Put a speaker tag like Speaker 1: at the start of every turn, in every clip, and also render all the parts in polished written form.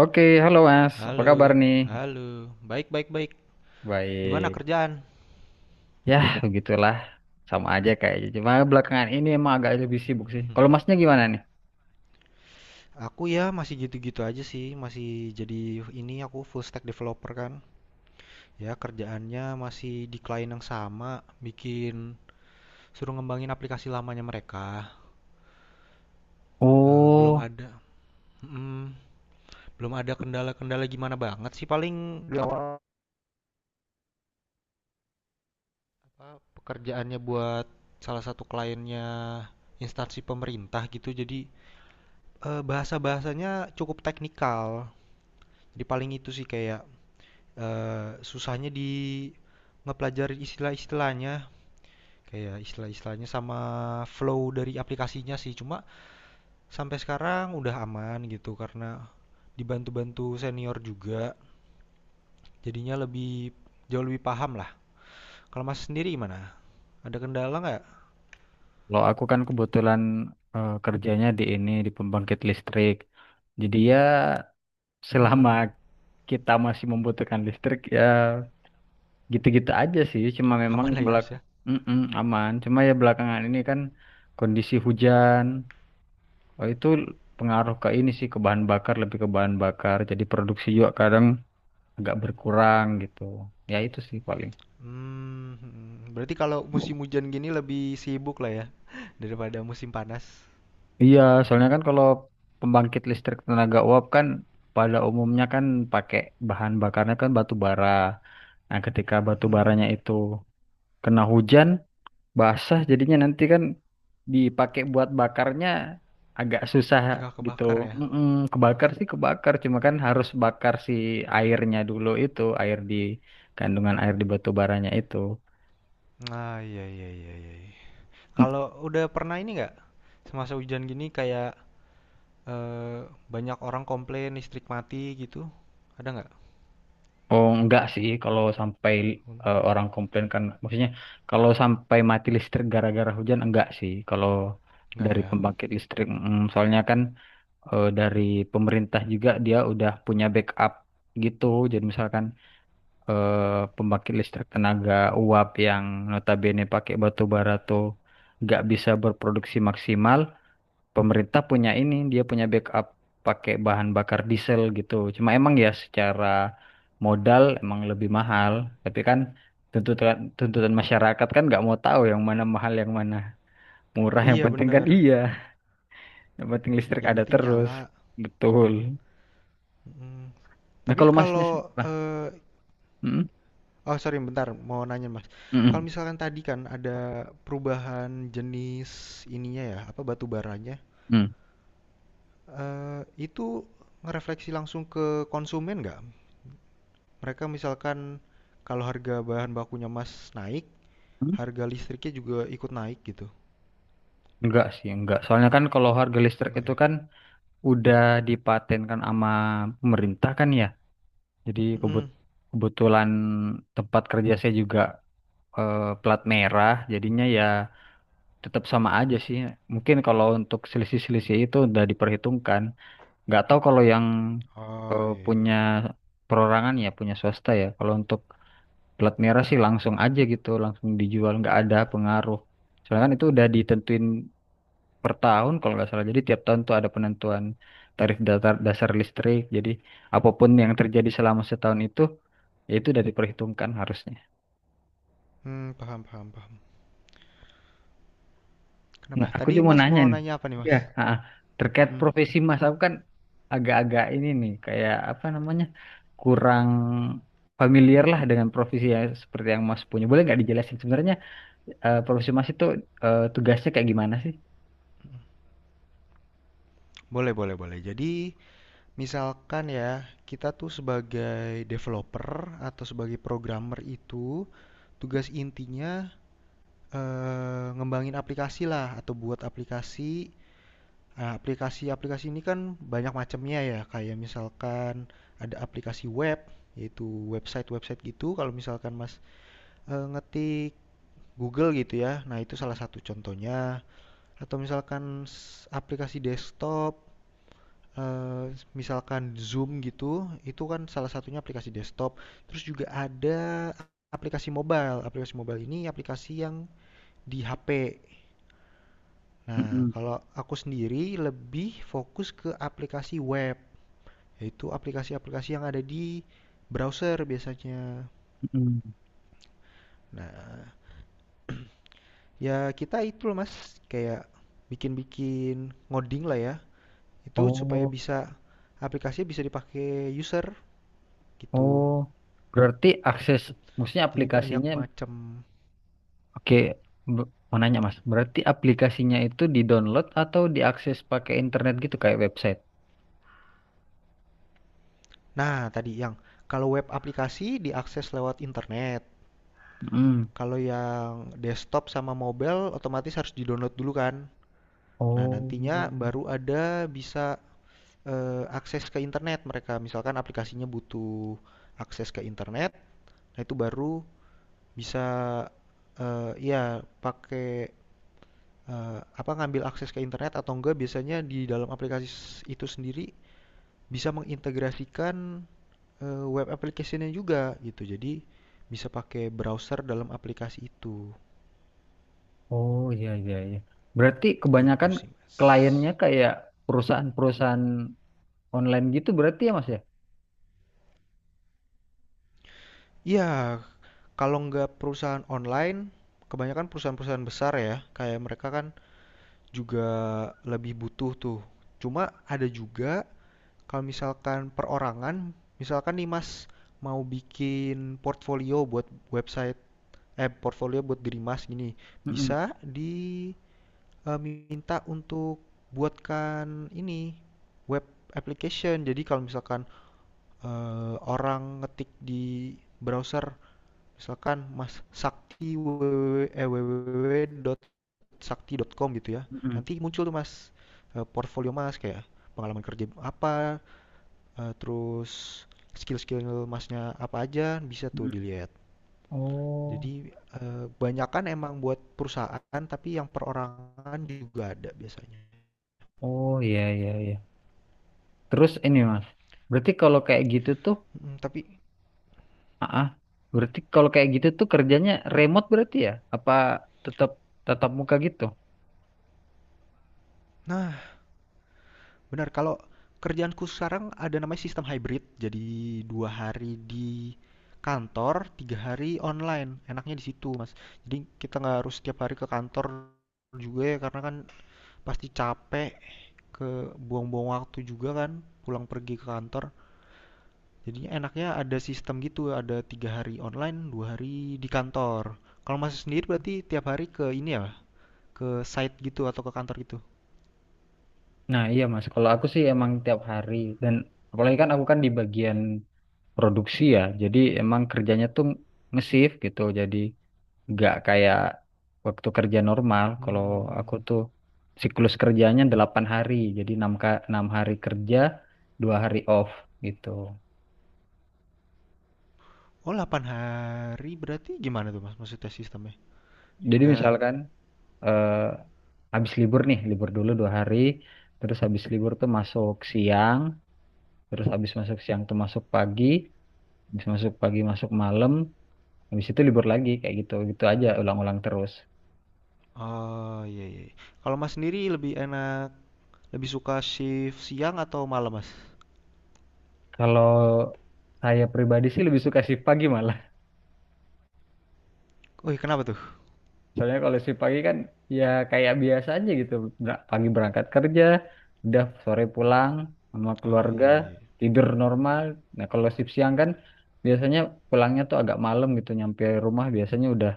Speaker 1: Oke, halo Mas. Apa kabar
Speaker 2: Halo,
Speaker 1: nih?
Speaker 2: halo. Baik, baik, baik. Gimana
Speaker 1: Baik.
Speaker 2: kerjaan?
Speaker 1: Ya, begitulah. Sama aja kayaknya. Cuma belakangan ini emang agak lebih sibuk sih. Kalau Masnya gimana nih?
Speaker 2: Aku ya masih gitu-gitu aja sih, masih jadi ini aku full stack developer kan. Ya kerjaannya masih di klien yang sama, suruh ngembangin aplikasi lamanya mereka. Eh, belum
Speaker 1: Oh,
Speaker 2: ada, mm, belum ada kendala-kendala gimana banget sih. Paling Belum. Apa pekerjaannya buat salah satu kliennya instansi pemerintah gitu, jadi bahasa-bahasanya cukup teknikal. Jadi paling itu sih kayak susahnya di ngepelajari istilah-istilahnya, kayak istilah-istilahnya sama flow dari aplikasinya sih. Cuma sampai sekarang udah aman gitu karena dibantu-bantu senior juga, jadinya lebih jauh lebih paham lah. Kalau Mas sendiri gimana? Ada kendala nggak?
Speaker 1: kalau aku kan kebetulan kerjanya di ini, di pembangkit listrik. Jadi ya
Speaker 2: Mmm,
Speaker 1: selama kita masih membutuhkan listrik ya gitu-gitu aja sih. Cuma memang
Speaker 2: aman lah ya, harus ya.
Speaker 1: Mm-mm, aman. Cuma ya belakangan ini kan kondisi hujan. Oh, itu pengaruh ke ini sih ke bahan bakar, lebih ke bahan bakar, jadi produksi juga kadang agak berkurang gitu, ya itu sih paling
Speaker 2: Mhm, berarti kalau musim hujan gini lebih sibuk lah ya daripada musim panas?
Speaker 1: iya, soalnya kan kalau pembangkit listrik tenaga uap kan pada umumnya kan pakai, bahan bakarnya kan batu bara. Nah ketika batu
Speaker 2: Mhm,
Speaker 1: baranya itu kena hujan, basah, jadinya nanti kan dipakai buat bakarnya agak susah
Speaker 2: nggak
Speaker 1: gitu.
Speaker 2: kebakar ya?
Speaker 1: Mm-mm, kebakar sih kebakar, cuma kan harus bakar si airnya dulu itu, air di, kandungan air di batu baranya itu.
Speaker 2: Ah, iya iya iya, iya.
Speaker 1: Mm,
Speaker 2: Kalau udah pernah ini nggak, semasa hujan gini kayak, banyak orang komplain listrik mati gitu, ada nggak?
Speaker 1: Oh enggak sih kalau sampai orang
Speaker 2: Mmm,
Speaker 1: komplain, kan maksudnya kalau sampai mati listrik gara-gara hujan enggak sih, kalau
Speaker 2: nggak
Speaker 1: dari
Speaker 2: ya?
Speaker 1: pembangkit listrik soalnya kan dari pemerintah juga dia udah punya backup gitu. Jadi misalkan pembangkit listrik tenaga uap yang notabene pakai batu bara tuh nggak bisa berproduksi maksimal, pemerintah punya ini, dia punya backup pakai bahan bakar diesel gitu. Cuma emang ya secara modal emang lebih mahal, tapi kan tuntutan tuntutan masyarakat kan nggak mau tahu yang mana mahal yang mana murah, yang
Speaker 2: Iya
Speaker 1: penting kan
Speaker 2: bener,
Speaker 1: iya, yang penting listrik
Speaker 2: yang
Speaker 1: ada
Speaker 2: penting
Speaker 1: terus.
Speaker 2: nyala,
Speaker 1: Betul.
Speaker 2: mhm.
Speaker 1: Nah,
Speaker 2: Tapi
Speaker 1: kalau masnya, se-
Speaker 2: kalau,
Speaker 1: Bah, mm,
Speaker 2: oh sorry bentar, mau nanya Mas, kalau
Speaker 1: mm,
Speaker 2: misalkan tadi kan ada perubahan jenis ininya ya, apa, batu baranya,
Speaker 1: mm,
Speaker 2: itu ngerefleksi langsung ke konsumen nggak? Mereka misalkan kalau harga bahan bakunya Mas naik,
Speaker 1: mm.
Speaker 2: harga listriknya juga ikut naik gitu?
Speaker 1: Enggak sih, enggak. Soalnya kan kalau harga listrik
Speaker 2: Enggak
Speaker 1: itu
Speaker 2: ya?
Speaker 1: kan udah dipatenkan sama pemerintah kan ya. Jadi
Speaker 2: Mhm.
Speaker 1: kebetulan tempat kerja saya juga plat merah, jadinya ya tetap sama aja sih. Mungkin kalau untuk selisih-selisih itu udah diperhitungkan. Nggak tahu kalau yang
Speaker 2: Oh, iya iya
Speaker 1: punya
Speaker 2: iya.
Speaker 1: perorangan ya, punya swasta ya. Kalau untuk plat merah sih langsung aja gitu, langsung dijual, nggak ada pengaruh. Soalnya kan itu udah ditentuin per tahun kalau nggak salah. Jadi tiap tahun tuh ada penentuan tarif datar, dasar listrik. Jadi apapun yang terjadi selama setahun itu, ya itu udah diperhitungkan harusnya.
Speaker 2: Mmm, paham paham paham. Kenapa?
Speaker 1: Nah, aku
Speaker 2: Tadi
Speaker 1: cuma mau
Speaker 2: Mas
Speaker 1: nanya
Speaker 2: mau
Speaker 1: nih.
Speaker 2: nanya apa nih
Speaker 1: Ya,
Speaker 2: Mas?
Speaker 1: terkait
Speaker 2: Mhm.
Speaker 1: profesi Mas, aku kan agak-agak ini nih, kayak apa namanya, kurang familiar lah dengan profesi yang seperti yang Mas punya. Boleh nggak dijelasin sebenarnya profesi Mas itu tugasnya kayak gimana sih?
Speaker 2: Boleh boleh boleh. Jadi, misalkan ya, kita tuh sebagai developer atau sebagai programmer itu, tugas intinya, ngembangin aplikasi lah atau buat aplikasi. Aplikasi-aplikasi ini kan banyak macamnya ya, kayak misalkan ada aplikasi web, yaitu website-website gitu, kalau misalkan Mas ngetik Google gitu ya. Nah, itu salah satu contohnya, atau misalkan aplikasi desktop, eee, misalkan Zoom gitu, itu kan salah satunya aplikasi desktop. Terus juga ada aplikasi mobile ini aplikasi yang di HP. Nah,
Speaker 1: Mm-mm,
Speaker 2: kalau aku sendiri lebih fokus ke aplikasi web, yaitu aplikasi-aplikasi yang ada di browser biasanya.
Speaker 1: mm-mm.
Speaker 2: Nah, ya kita itu loh Mas, kayak bikin-bikin ngoding lah ya. Itu supaya
Speaker 1: Oh,
Speaker 2: bisa aplikasinya bisa dipakai user gitu.
Speaker 1: oh, berarti akses, maksudnya
Speaker 2: Jadi banyak
Speaker 1: aplikasinya,
Speaker 2: macam.
Speaker 1: oke, mau nanya mas, berarti aplikasinya itu di-download atau diakses pakai internet gitu kayak website?
Speaker 2: Nah, tadi yang kalau web aplikasi diakses lewat internet.
Speaker 1: Hmm.
Speaker 2: Kalau yang desktop sama mobile otomatis harus di-download dulu kan. Nah,
Speaker 1: Oh,
Speaker 2: nantinya baru ada bisa akses ke internet mereka. Misalkan aplikasinya butuh akses ke internet, nah itu baru bisa, iya pakai, apa, ngambil akses ke internet atau enggak, biasanya di dalam aplikasi itu sendiri bisa mengintegrasikan, web application-nya juga gitu. Jadi bisa pakai browser dalam aplikasi
Speaker 1: oh iya iya iya. Berarti
Speaker 2: itu
Speaker 1: kebanyakan
Speaker 2: sih, Mas.
Speaker 1: kliennya kayak perusahaan-perusahaan online gitu berarti ya mas ya?
Speaker 2: Ya kalau nggak perusahaan online, kebanyakan perusahaan-perusahaan besar ya, kayak mereka kan juga lebih butuh tuh. Cuma ada juga. Kalau misalkan perorangan, misalkan nih Mas mau bikin portfolio buat website, eh, portfolio buat diri Mas gini,
Speaker 1: Mm-mm,
Speaker 2: bisa diminta untuk buatkan ini web application. Jadi kalau misalkan orang ngetik di browser, misalkan Mas Sakti www.sakti.com gitu ya,
Speaker 1: mm-mm,
Speaker 2: nanti muncul tuh Mas portfolio Mas, kayak pengalaman kerja apa, terus skill-skill masnya apa aja bisa tuh
Speaker 1: mm-mm.
Speaker 2: dilihat.
Speaker 1: Oh,
Speaker 2: Jadi banyakan emang buat perusahaan, tapi yang perorangan juga ada biasanya.
Speaker 1: oh iya iya iya. Terus ini mas, berarti kalau kayak gitu tuh
Speaker 2: Tapi
Speaker 1: Ah, berarti kalau kayak gitu tuh kerjanya remote berarti ya? Apa tetap tatap muka gitu?
Speaker 2: nah, benar, kalau kerjaanku sekarang ada namanya sistem hybrid. Jadi 2 hari di kantor, 3 hari online. Enaknya di situ Mas. Jadi kita nggak harus setiap hari ke kantor juga ya, karena kan pasti capek, ke buang-buang waktu juga kan pulang pergi ke kantor. Jadinya enaknya ada sistem gitu, ada 3 hari online, 2 hari di kantor. Kalau masih sendiri berarti tiap hari ke ini ya, ke site gitu atau ke kantor gitu.
Speaker 1: Nah, iya Mas, kalau aku sih emang tiap hari dan apalagi kan aku kan di bagian produksi ya. Jadi emang kerjanya tuh nge-shift gitu. Jadi nggak kayak waktu kerja normal. Kalau
Speaker 2: Hmm.
Speaker 1: aku tuh siklus kerjanya 8 hari. Jadi 6 hari kerja, 2 hari off gitu.
Speaker 2: Oh, 8 hari berarti gimana tuh Mas, maksudnya sistemnya?
Speaker 1: Jadi
Speaker 2: Nggak,
Speaker 1: misalkan eh habis libur nih, libur dulu 2 hari, terus habis libur tuh masuk siang, terus habis masuk siang tuh masuk pagi, habis masuk pagi masuk malam, habis itu libur lagi kayak gitu, gitu aja ulang-ulang terus.
Speaker 2: oh iya iya, iya. Kalau Mas sendiri lebih enak, lebih suka shift siang atau malam Mas?
Speaker 1: Kalau saya pribadi sih lebih suka shift pagi malah.
Speaker 2: Wih, kenapa tuh?
Speaker 1: Soalnya kalau shift pagi kan ya kayak biasa aja gitu, pagi berangkat kerja, udah sore pulang sama
Speaker 2: Oh
Speaker 1: keluarga,
Speaker 2: iya iya.
Speaker 1: tidur normal. Nah, kalau shift siang kan biasanya pulangnya tuh agak malam gitu, nyampe rumah biasanya udah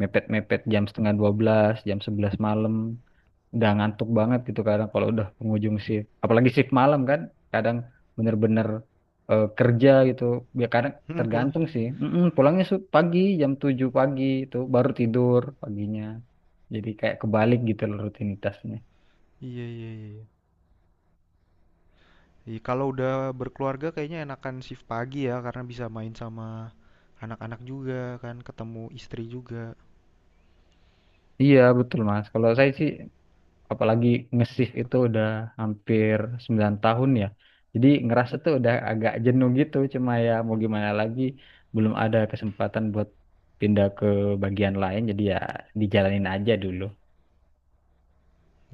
Speaker 1: mepet-mepet jam setengah 12, jam 11 malam, udah ngantuk banget gitu kadang kalau udah penghujung shift. Apalagi shift malam kan, kadang bener-bener kerja gitu. Ya kadang
Speaker 2: Hmm, pulang ya?
Speaker 1: tergantung sih. Mm-mm, pulangnya pagi, jam 7 pagi itu baru tidur paginya. Jadi kayak kebalik gitu loh rutinitasnya.
Speaker 2: Iya iya iya. Iya, kalau udah berkeluarga kayaknya enakan shift pagi ya, karena bisa main sama anak-anak juga kan, ketemu istri juga.
Speaker 1: Iya betul Mas. Kalau saya sih apalagi nge-shift itu udah hampir 9 tahun ya. Jadi ngerasa tuh udah agak jenuh gitu, cuma ya mau gimana lagi belum ada kesempatan buat pindah ke bagian lain jadi ya dijalanin aja dulu.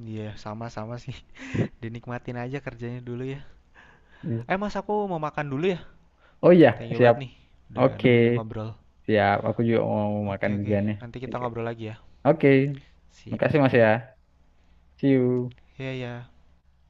Speaker 2: Iya, sama-sama sih. Dinikmatin aja kerjanya dulu ya.
Speaker 1: Iya.
Speaker 2: Eh, Mas, aku mau makan dulu ya.
Speaker 1: Oh iya,
Speaker 2: Thank you
Speaker 1: siap.
Speaker 2: banget nih udah
Speaker 1: Oke,
Speaker 2: nemenin ngobrol.
Speaker 1: siap. Aku juga mau
Speaker 2: Oke,
Speaker 1: makan
Speaker 2: oke.
Speaker 1: juga nih.
Speaker 2: Nanti kita
Speaker 1: Oke.
Speaker 2: ngobrol lagi ya.
Speaker 1: Oke.
Speaker 2: Sip.
Speaker 1: Makasih Mas ya. See you.
Speaker 2: Iya, ya.